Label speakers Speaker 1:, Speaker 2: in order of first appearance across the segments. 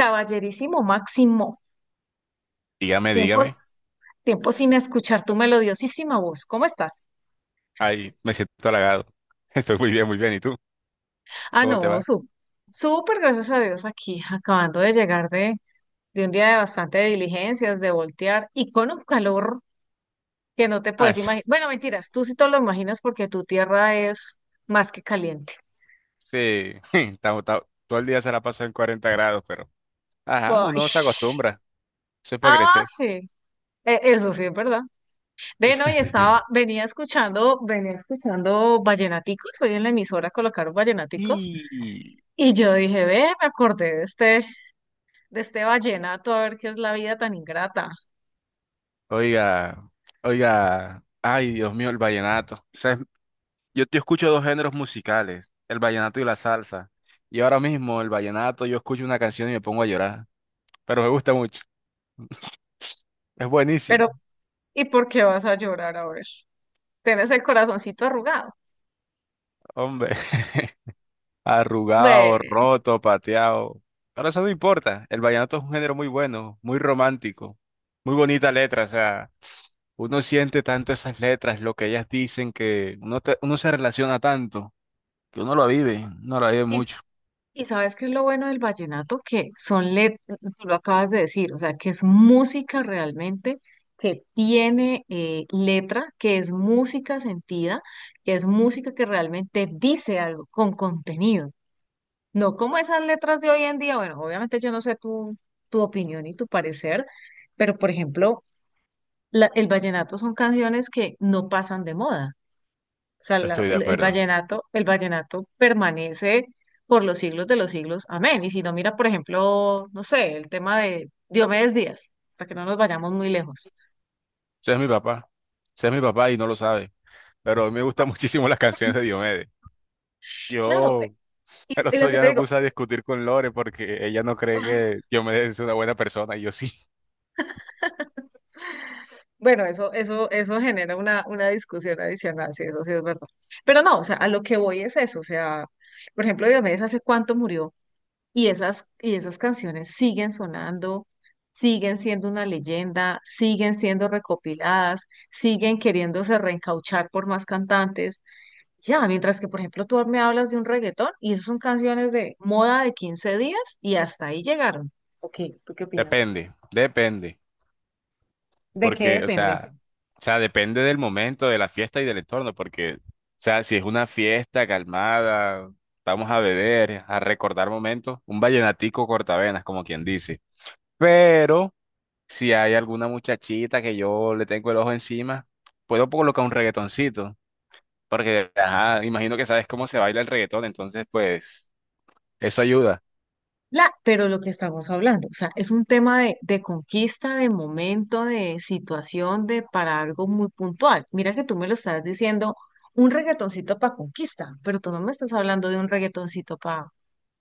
Speaker 1: Caballerísimo Máximo,
Speaker 2: Dígame, dígame.
Speaker 1: tiempos, tiempos sin escuchar tu melodiosísima voz. ¿Cómo estás?
Speaker 2: Ay, me siento halagado. Estoy muy bien, muy bien. ¿Y tú?
Speaker 1: Ah,
Speaker 2: ¿Cómo te
Speaker 1: no,
Speaker 2: va?
Speaker 1: su, súper gracias a Dios aquí, acabando de llegar de un día de bastante diligencias, de voltear y con un calor que no te
Speaker 2: Ah,
Speaker 1: puedes
Speaker 2: eso.
Speaker 1: imaginar. Bueno, mentiras, tú sí te lo imaginas porque tu tierra es más que caliente.
Speaker 2: Sí, todo el día se la pasa en 40 grados, pero... Ajá,
Speaker 1: Ay,
Speaker 2: uno se acostumbra. Eso es para
Speaker 1: ah,
Speaker 2: crecer.
Speaker 1: sí. Eso sí, es verdad. Ven, hoy estaba, venía escuchando vallenaticos. Hoy en la emisora colocaron vallenaticos.
Speaker 2: Y...
Speaker 1: Y yo dije, ve, me acordé de este vallenato, a ver qué es la vida tan ingrata.
Speaker 2: Oiga, oiga. Ay, Dios mío, el vallenato. O sea, yo escucho dos géneros musicales, el vallenato y la salsa. Y ahora mismo el vallenato, yo escucho una canción y me pongo a llorar. Pero me gusta mucho. Es buenísimo,
Speaker 1: Pero, ¿y por qué vas a llorar? A ver, tienes el corazoncito arrugado.
Speaker 2: hombre.
Speaker 1: Ve,
Speaker 2: Arrugado, roto, pateado. Pero eso no importa. El vallenato es un género muy bueno, muy romántico, muy bonita letra. O sea, uno siente tanto esas letras, lo que ellas dicen, que uno, uno se relaciona tanto, que uno lo vive
Speaker 1: y,
Speaker 2: mucho.
Speaker 1: s- y ¿sabes qué es lo bueno del vallenato? Que son letras, tú lo acabas de decir, o sea, que es música realmente, que tiene letra, que es música sentida, que es música que realmente dice algo con contenido. No como esas letras de hoy en día, bueno, obviamente yo no sé tu opinión y tu parecer, pero por ejemplo, el vallenato son canciones que no pasan de moda. O sea,
Speaker 2: Estoy de acuerdo.
Speaker 1: el vallenato permanece por los siglos de los siglos. Amén. Y si no, mira, por ejemplo, no sé, el tema de Diomedes Díaz, para que no nos vayamos muy lejos.
Speaker 2: Ese es mi papá. Ese es mi papá y no lo sabe. Pero a mí me gustan muchísimo las canciones de Diomedes.
Speaker 1: Claro,
Speaker 2: Yo el
Speaker 1: y
Speaker 2: otro
Speaker 1: lo que
Speaker 2: día
Speaker 1: te
Speaker 2: me
Speaker 1: digo,
Speaker 2: puse a discutir con Lore porque ella no cree que Diomedes es una buena persona y yo sí.
Speaker 1: bueno, eso genera una discusión adicional, sí, eso sí es verdad. Pero no, o sea, a lo que voy es eso, o sea, por ejemplo, Diomedes hace cuánto murió y esas canciones siguen sonando, siguen siendo una leyenda, siguen siendo recopiladas, siguen queriéndose reencauchar por más cantantes. Ya, mientras que, por ejemplo, tú me hablas de un reggaetón y esas son canciones de moda de 15 días y hasta ahí llegaron. Ok, ¿tú qué opinas?
Speaker 2: Depende, depende.
Speaker 1: ¿De qué
Speaker 2: Porque,
Speaker 1: depende?
Speaker 2: o sea, depende del momento, de la fiesta y del entorno, porque, o sea, si es una fiesta calmada, vamos a beber, a recordar momentos, un vallenatico cortavenas, como quien dice. Pero si hay alguna muchachita que yo le tengo el ojo encima, puedo colocar un reggaetoncito, porque, ajá, imagino que sabes cómo se baila el reggaetón, entonces, pues, eso ayuda.
Speaker 1: La, pero lo que estamos hablando, o sea, es un tema de conquista, de momento, de situación, de para algo muy puntual. Mira que tú me lo estás diciendo, un reggaetoncito para conquista, pero tú no me estás hablando de un reggaetoncito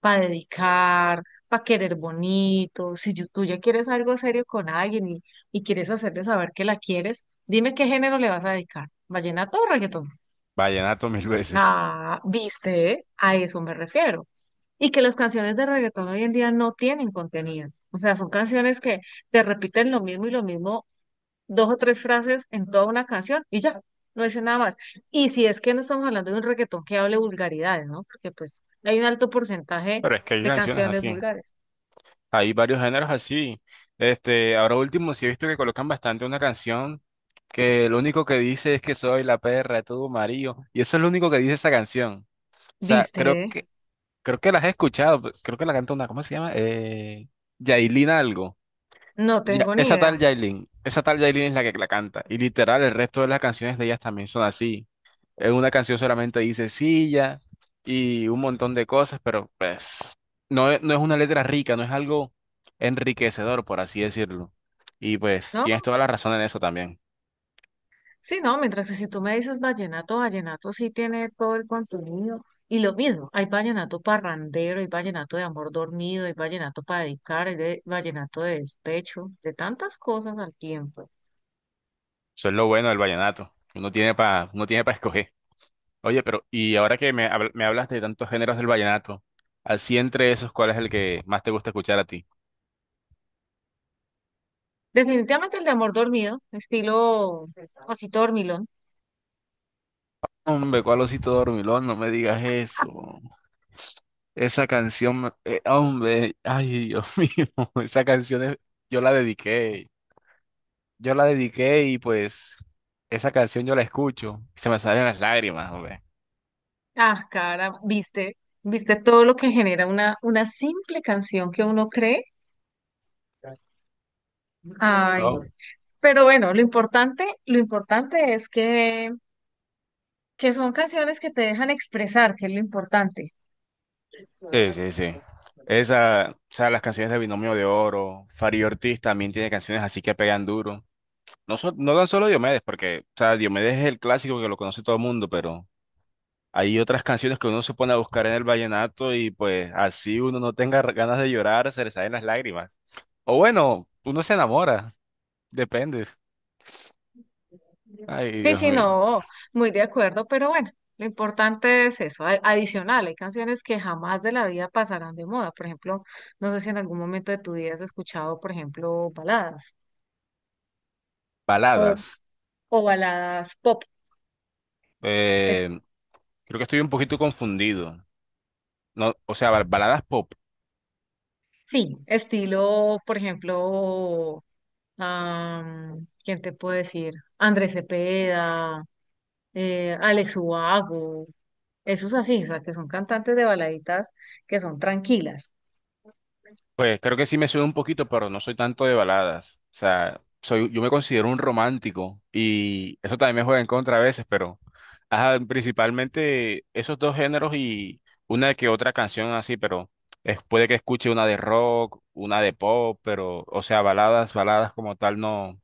Speaker 1: para dedicar, para querer bonito. Si yo- Tú ya quieres algo serio con alguien y quieres hacerle saber que la quieres, dime qué género le vas a dedicar, vallenato o reggaetón.
Speaker 2: Vallenato mil veces.
Speaker 1: Ah, viste, a eso me refiero. Y que las canciones de reggaetón hoy en día no tienen contenido. O sea, son canciones que te repiten lo mismo y lo mismo, dos o tres frases en toda una canción y ya, no dicen nada más. Y si es que no estamos hablando de un reggaetón que hable vulgaridades, ¿no? Porque pues hay un alto porcentaje
Speaker 2: Pero es que hay
Speaker 1: de
Speaker 2: canciones
Speaker 1: canciones
Speaker 2: así.
Speaker 1: vulgares.
Speaker 2: Hay varios géneros así. Este, ahora último, sí he visto que colocan bastante una canción que lo único que dice es que soy la perra de tu marido. Y eso es lo único que dice esa canción. O sea,
Speaker 1: ¿Viste?
Speaker 2: creo que las he escuchado. Pues, creo que la canta una, ¿cómo se llama? Yailin algo.
Speaker 1: No
Speaker 2: Ya,
Speaker 1: tengo ni idea,
Speaker 2: Esa tal Yailin es la que la canta. Y literal, el resto de las canciones de ellas también son así. En una canción solamente dice silla y un montón de cosas, pero pues no, no es una letra rica, no es algo enriquecedor, por así decirlo. Y pues
Speaker 1: ¿no?
Speaker 2: tienes toda la razón en eso también.
Speaker 1: Sí, no, mientras que si tú me dices vallenato, vallenato sí tiene todo el contenido. Y lo mismo, hay vallenato parrandero, hay vallenato de amor dormido, hay vallenato para dedicar, vallenato de despecho, de tantas cosas al tiempo.
Speaker 2: Eso es lo bueno del vallenato. Uno tiene para escoger. Oye, pero y ahora que me hablas de tantos géneros del vallenato, así entre esos, ¿cuál es el que más te gusta escuchar a ti?
Speaker 1: Definitivamente el de amor dormido, estilo así dormilón.
Speaker 2: Hombre, cuál osito dormilón, no me digas eso. Esa canción, hombre, ay, Dios mío, esa canción es- yo la dediqué. Yo la dediqué y pues esa canción yo la escucho y se me salen las lágrimas, hombre.
Speaker 1: Ah, cara, viste, viste todo lo que genera una simple canción que uno cree. Ay,
Speaker 2: Oh.
Speaker 1: pero bueno, lo importante es que son canciones que te dejan expresar, que es lo importante.
Speaker 2: Sí, sí, sí. Esa, o sea, las canciones de Binomio de Oro, Fari Ortiz también tiene canciones así que pegan duro. No, no tan solo Diomedes, porque, o sea, Diomedes es el clásico que lo conoce todo el mundo, pero hay otras canciones que uno se pone a buscar en el vallenato y pues así uno no tenga ganas de llorar, se le salen las lágrimas. O bueno, uno se enamora, depende. Ay,
Speaker 1: Sí,
Speaker 2: Dios
Speaker 1: sí,
Speaker 2: mío.
Speaker 1: no, muy de acuerdo, pero bueno, lo importante es eso. Adicional, hay canciones que jamás de la vida pasarán de moda. Por ejemplo, no sé si en algún momento de tu vida has escuchado, por ejemplo, baladas o,
Speaker 2: Baladas.
Speaker 1: o baladas pop. Es,
Speaker 2: Eh, creo que estoy un poquito confundido. No, o sea, baladas.
Speaker 1: sí, estilo, por ejemplo, am, ¿quién te puede decir? Andrés Cepeda, Alex Ubago. Eso es así, o sea, que son cantantes de baladitas que son tranquilas.
Speaker 2: Pues creo que sí me suena un poquito, pero no soy tanto de baladas. O sea, yo me considero un romántico y eso también me juega en contra a veces, pero ajá, principalmente esos dos géneros y una que otra canción así, pero puede que escuche una de rock, una de pop, pero o sea, baladas, baladas como tal, no,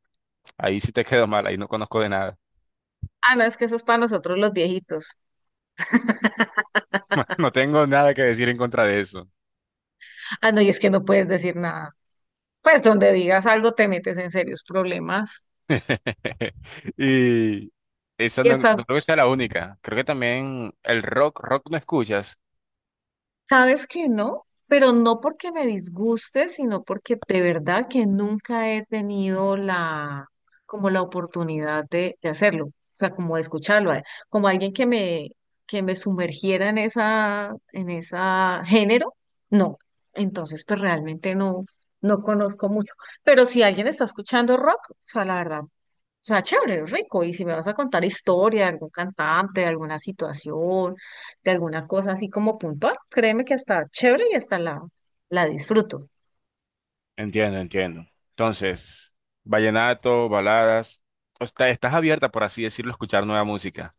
Speaker 2: ahí sí te quedo mal, ahí no conozco de nada.
Speaker 1: Ah, no, es que eso es para nosotros los viejitos.
Speaker 2: No tengo nada que decir en contra de eso.
Speaker 1: Ah, no, y es que no puedes decir nada. Pues donde digas algo te metes en serios problemas.
Speaker 2: Y esa
Speaker 1: Y
Speaker 2: no, no
Speaker 1: hasta
Speaker 2: creo que sea la única. Creo que también el rock, rock no escuchas.
Speaker 1: sabes que no, pero no porque me disguste, sino porque de verdad que nunca he tenido como la oportunidad de hacerlo, o sea, como de escucharlo, como alguien que me sumergiera en en esa género, no. Entonces, pues realmente no, no conozco mucho. Pero si alguien está escuchando rock, o sea, la verdad, o sea, chévere, rico. Y si me vas a contar historia de algún cantante, de alguna situación, de alguna cosa así como puntual, créeme que hasta chévere y hasta la disfruto.
Speaker 2: Entiendo, entiendo. Entonces, vallenato, baladas. O sea, estás abierta, por así decirlo, a escuchar nueva música.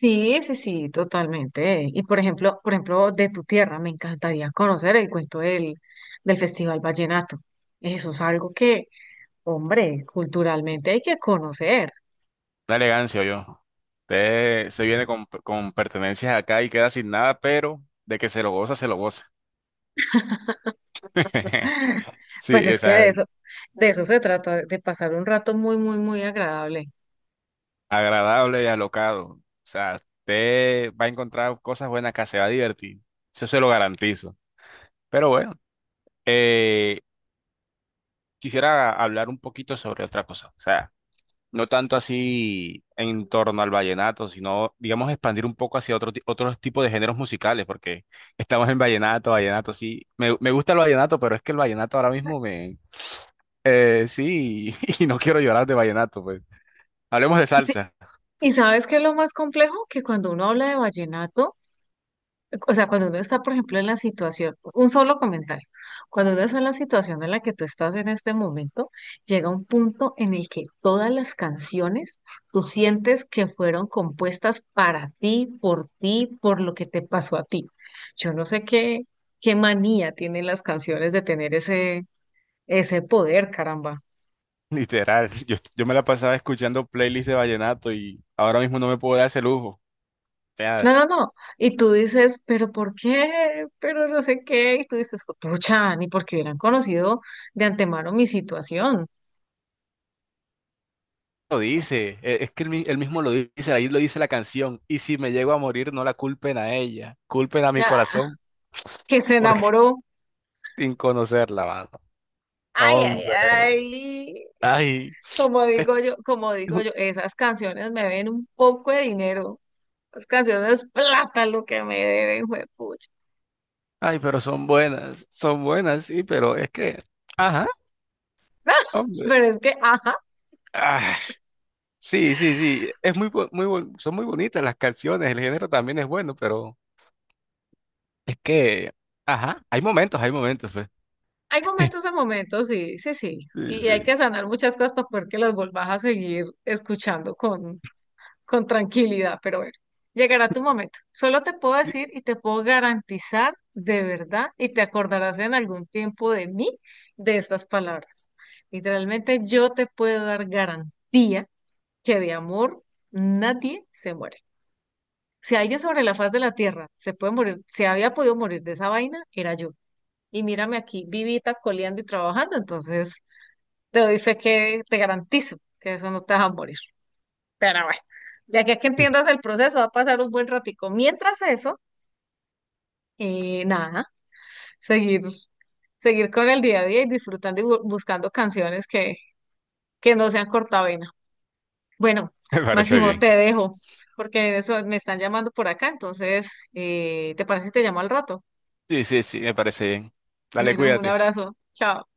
Speaker 1: Sí, sí, sí, totalmente. Y por ejemplo, de tu tierra, me encantaría conocer el cuento del Festival Vallenato. Eso es algo que, hombre, culturalmente hay que conocer.
Speaker 2: Una elegancia, yo. Usted se viene con pertenencias acá y queda sin nada, pero de que se lo goza, se lo goza.
Speaker 1: Pues
Speaker 2: Sí, o
Speaker 1: es que
Speaker 2: sea,
Speaker 1: de eso se trata, de pasar un rato muy, muy, muy agradable.
Speaker 2: agradable y alocado. O sea, usted va a encontrar cosas buenas acá, se va a divertir. Eso se lo garantizo. Pero bueno. Eh, quisiera hablar un poquito sobre otra cosa, o sea, no tanto así en torno al vallenato, sino, digamos, expandir un poco hacia otros tipos de géneros musicales, porque estamos en vallenato, vallenato, sí, me gusta el vallenato, pero es que el vallenato ahora mismo me sí, y no quiero llorar de vallenato, pues. Hablemos de salsa,
Speaker 1: Y sabes qué es lo más complejo, que cuando uno habla de vallenato, o sea, cuando uno está, por ejemplo, en la situación, un solo comentario, cuando uno está en la situación en la que tú estás en este momento, llega un punto en el que todas las canciones tú sientes que fueron compuestas para ti, por ti, por lo que te pasó a ti. Yo no sé qué manía tienen las canciones de tener ese poder, caramba.
Speaker 2: literal, yo me la pasaba escuchando playlists de vallenato y ahora mismo no me puedo dar ese lujo.
Speaker 1: No, no, no. Y tú dices, pero ¿por qué? Pero no sé qué. Y tú dices, pucha, ni porque hubieran conocido de antemano mi situación.
Speaker 2: Lo dice, es que él mismo lo dice, ahí lo dice la canción. Y si me llego a morir, no la culpen a ella, culpen a mi
Speaker 1: Ah,
Speaker 2: corazón,
Speaker 1: que se
Speaker 2: porque
Speaker 1: enamoró.
Speaker 2: sin conocerla, mano.
Speaker 1: Ay, ay,
Speaker 2: Hombre,
Speaker 1: ay.
Speaker 2: ay, est-
Speaker 1: Como digo yo, esas canciones me ven un poco de dinero. Las canciones plata lo que me deben, juepucha.
Speaker 2: ay, pero son buenas, sí, pero es que, ajá, hombre.
Speaker 1: Pero es que, ajá,
Speaker 2: Ah, sí, sí, sí, es muy, son muy bonitas las canciones, el género también es bueno, pero es que, ajá, hay momentos, pues.
Speaker 1: hay momentos a momentos, sí, sí, sí.
Speaker 2: Sí,
Speaker 1: Y hay
Speaker 2: sí,
Speaker 1: que sanar muchas cosas para poder que las volvas a seguir escuchando con. Con tranquilidad, pero bueno, llegará tu momento. Solo te puedo decir y te puedo garantizar de verdad y te acordarás en algún tiempo de mí de estas palabras. Literalmente yo te puedo dar garantía que de amor nadie se muere. Si alguien sobre la faz de la tierra se puede morir, se había podido morir de esa vaina, era yo. Y mírame aquí, vivita, coleando y trabajando, entonces te doy fe que te garantizo que eso no te va a morir. Pero bueno, de aquí a que
Speaker 2: sí.
Speaker 1: entiendas el proceso va a pasar un buen ratico. Mientras eso, nada, seguir, seguir con el día a día y disfrutando y buscando canciones que no sean cortavena. Bueno,
Speaker 2: Me parece
Speaker 1: Máximo, te
Speaker 2: bien.
Speaker 1: dejo, porque eso me están llamando por acá, entonces, ¿te parece si te llamo al rato?
Speaker 2: Sí, sí, sí, me parece bien. Dale,
Speaker 1: Bueno, un
Speaker 2: cuídate.
Speaker 1: abrazo, chao.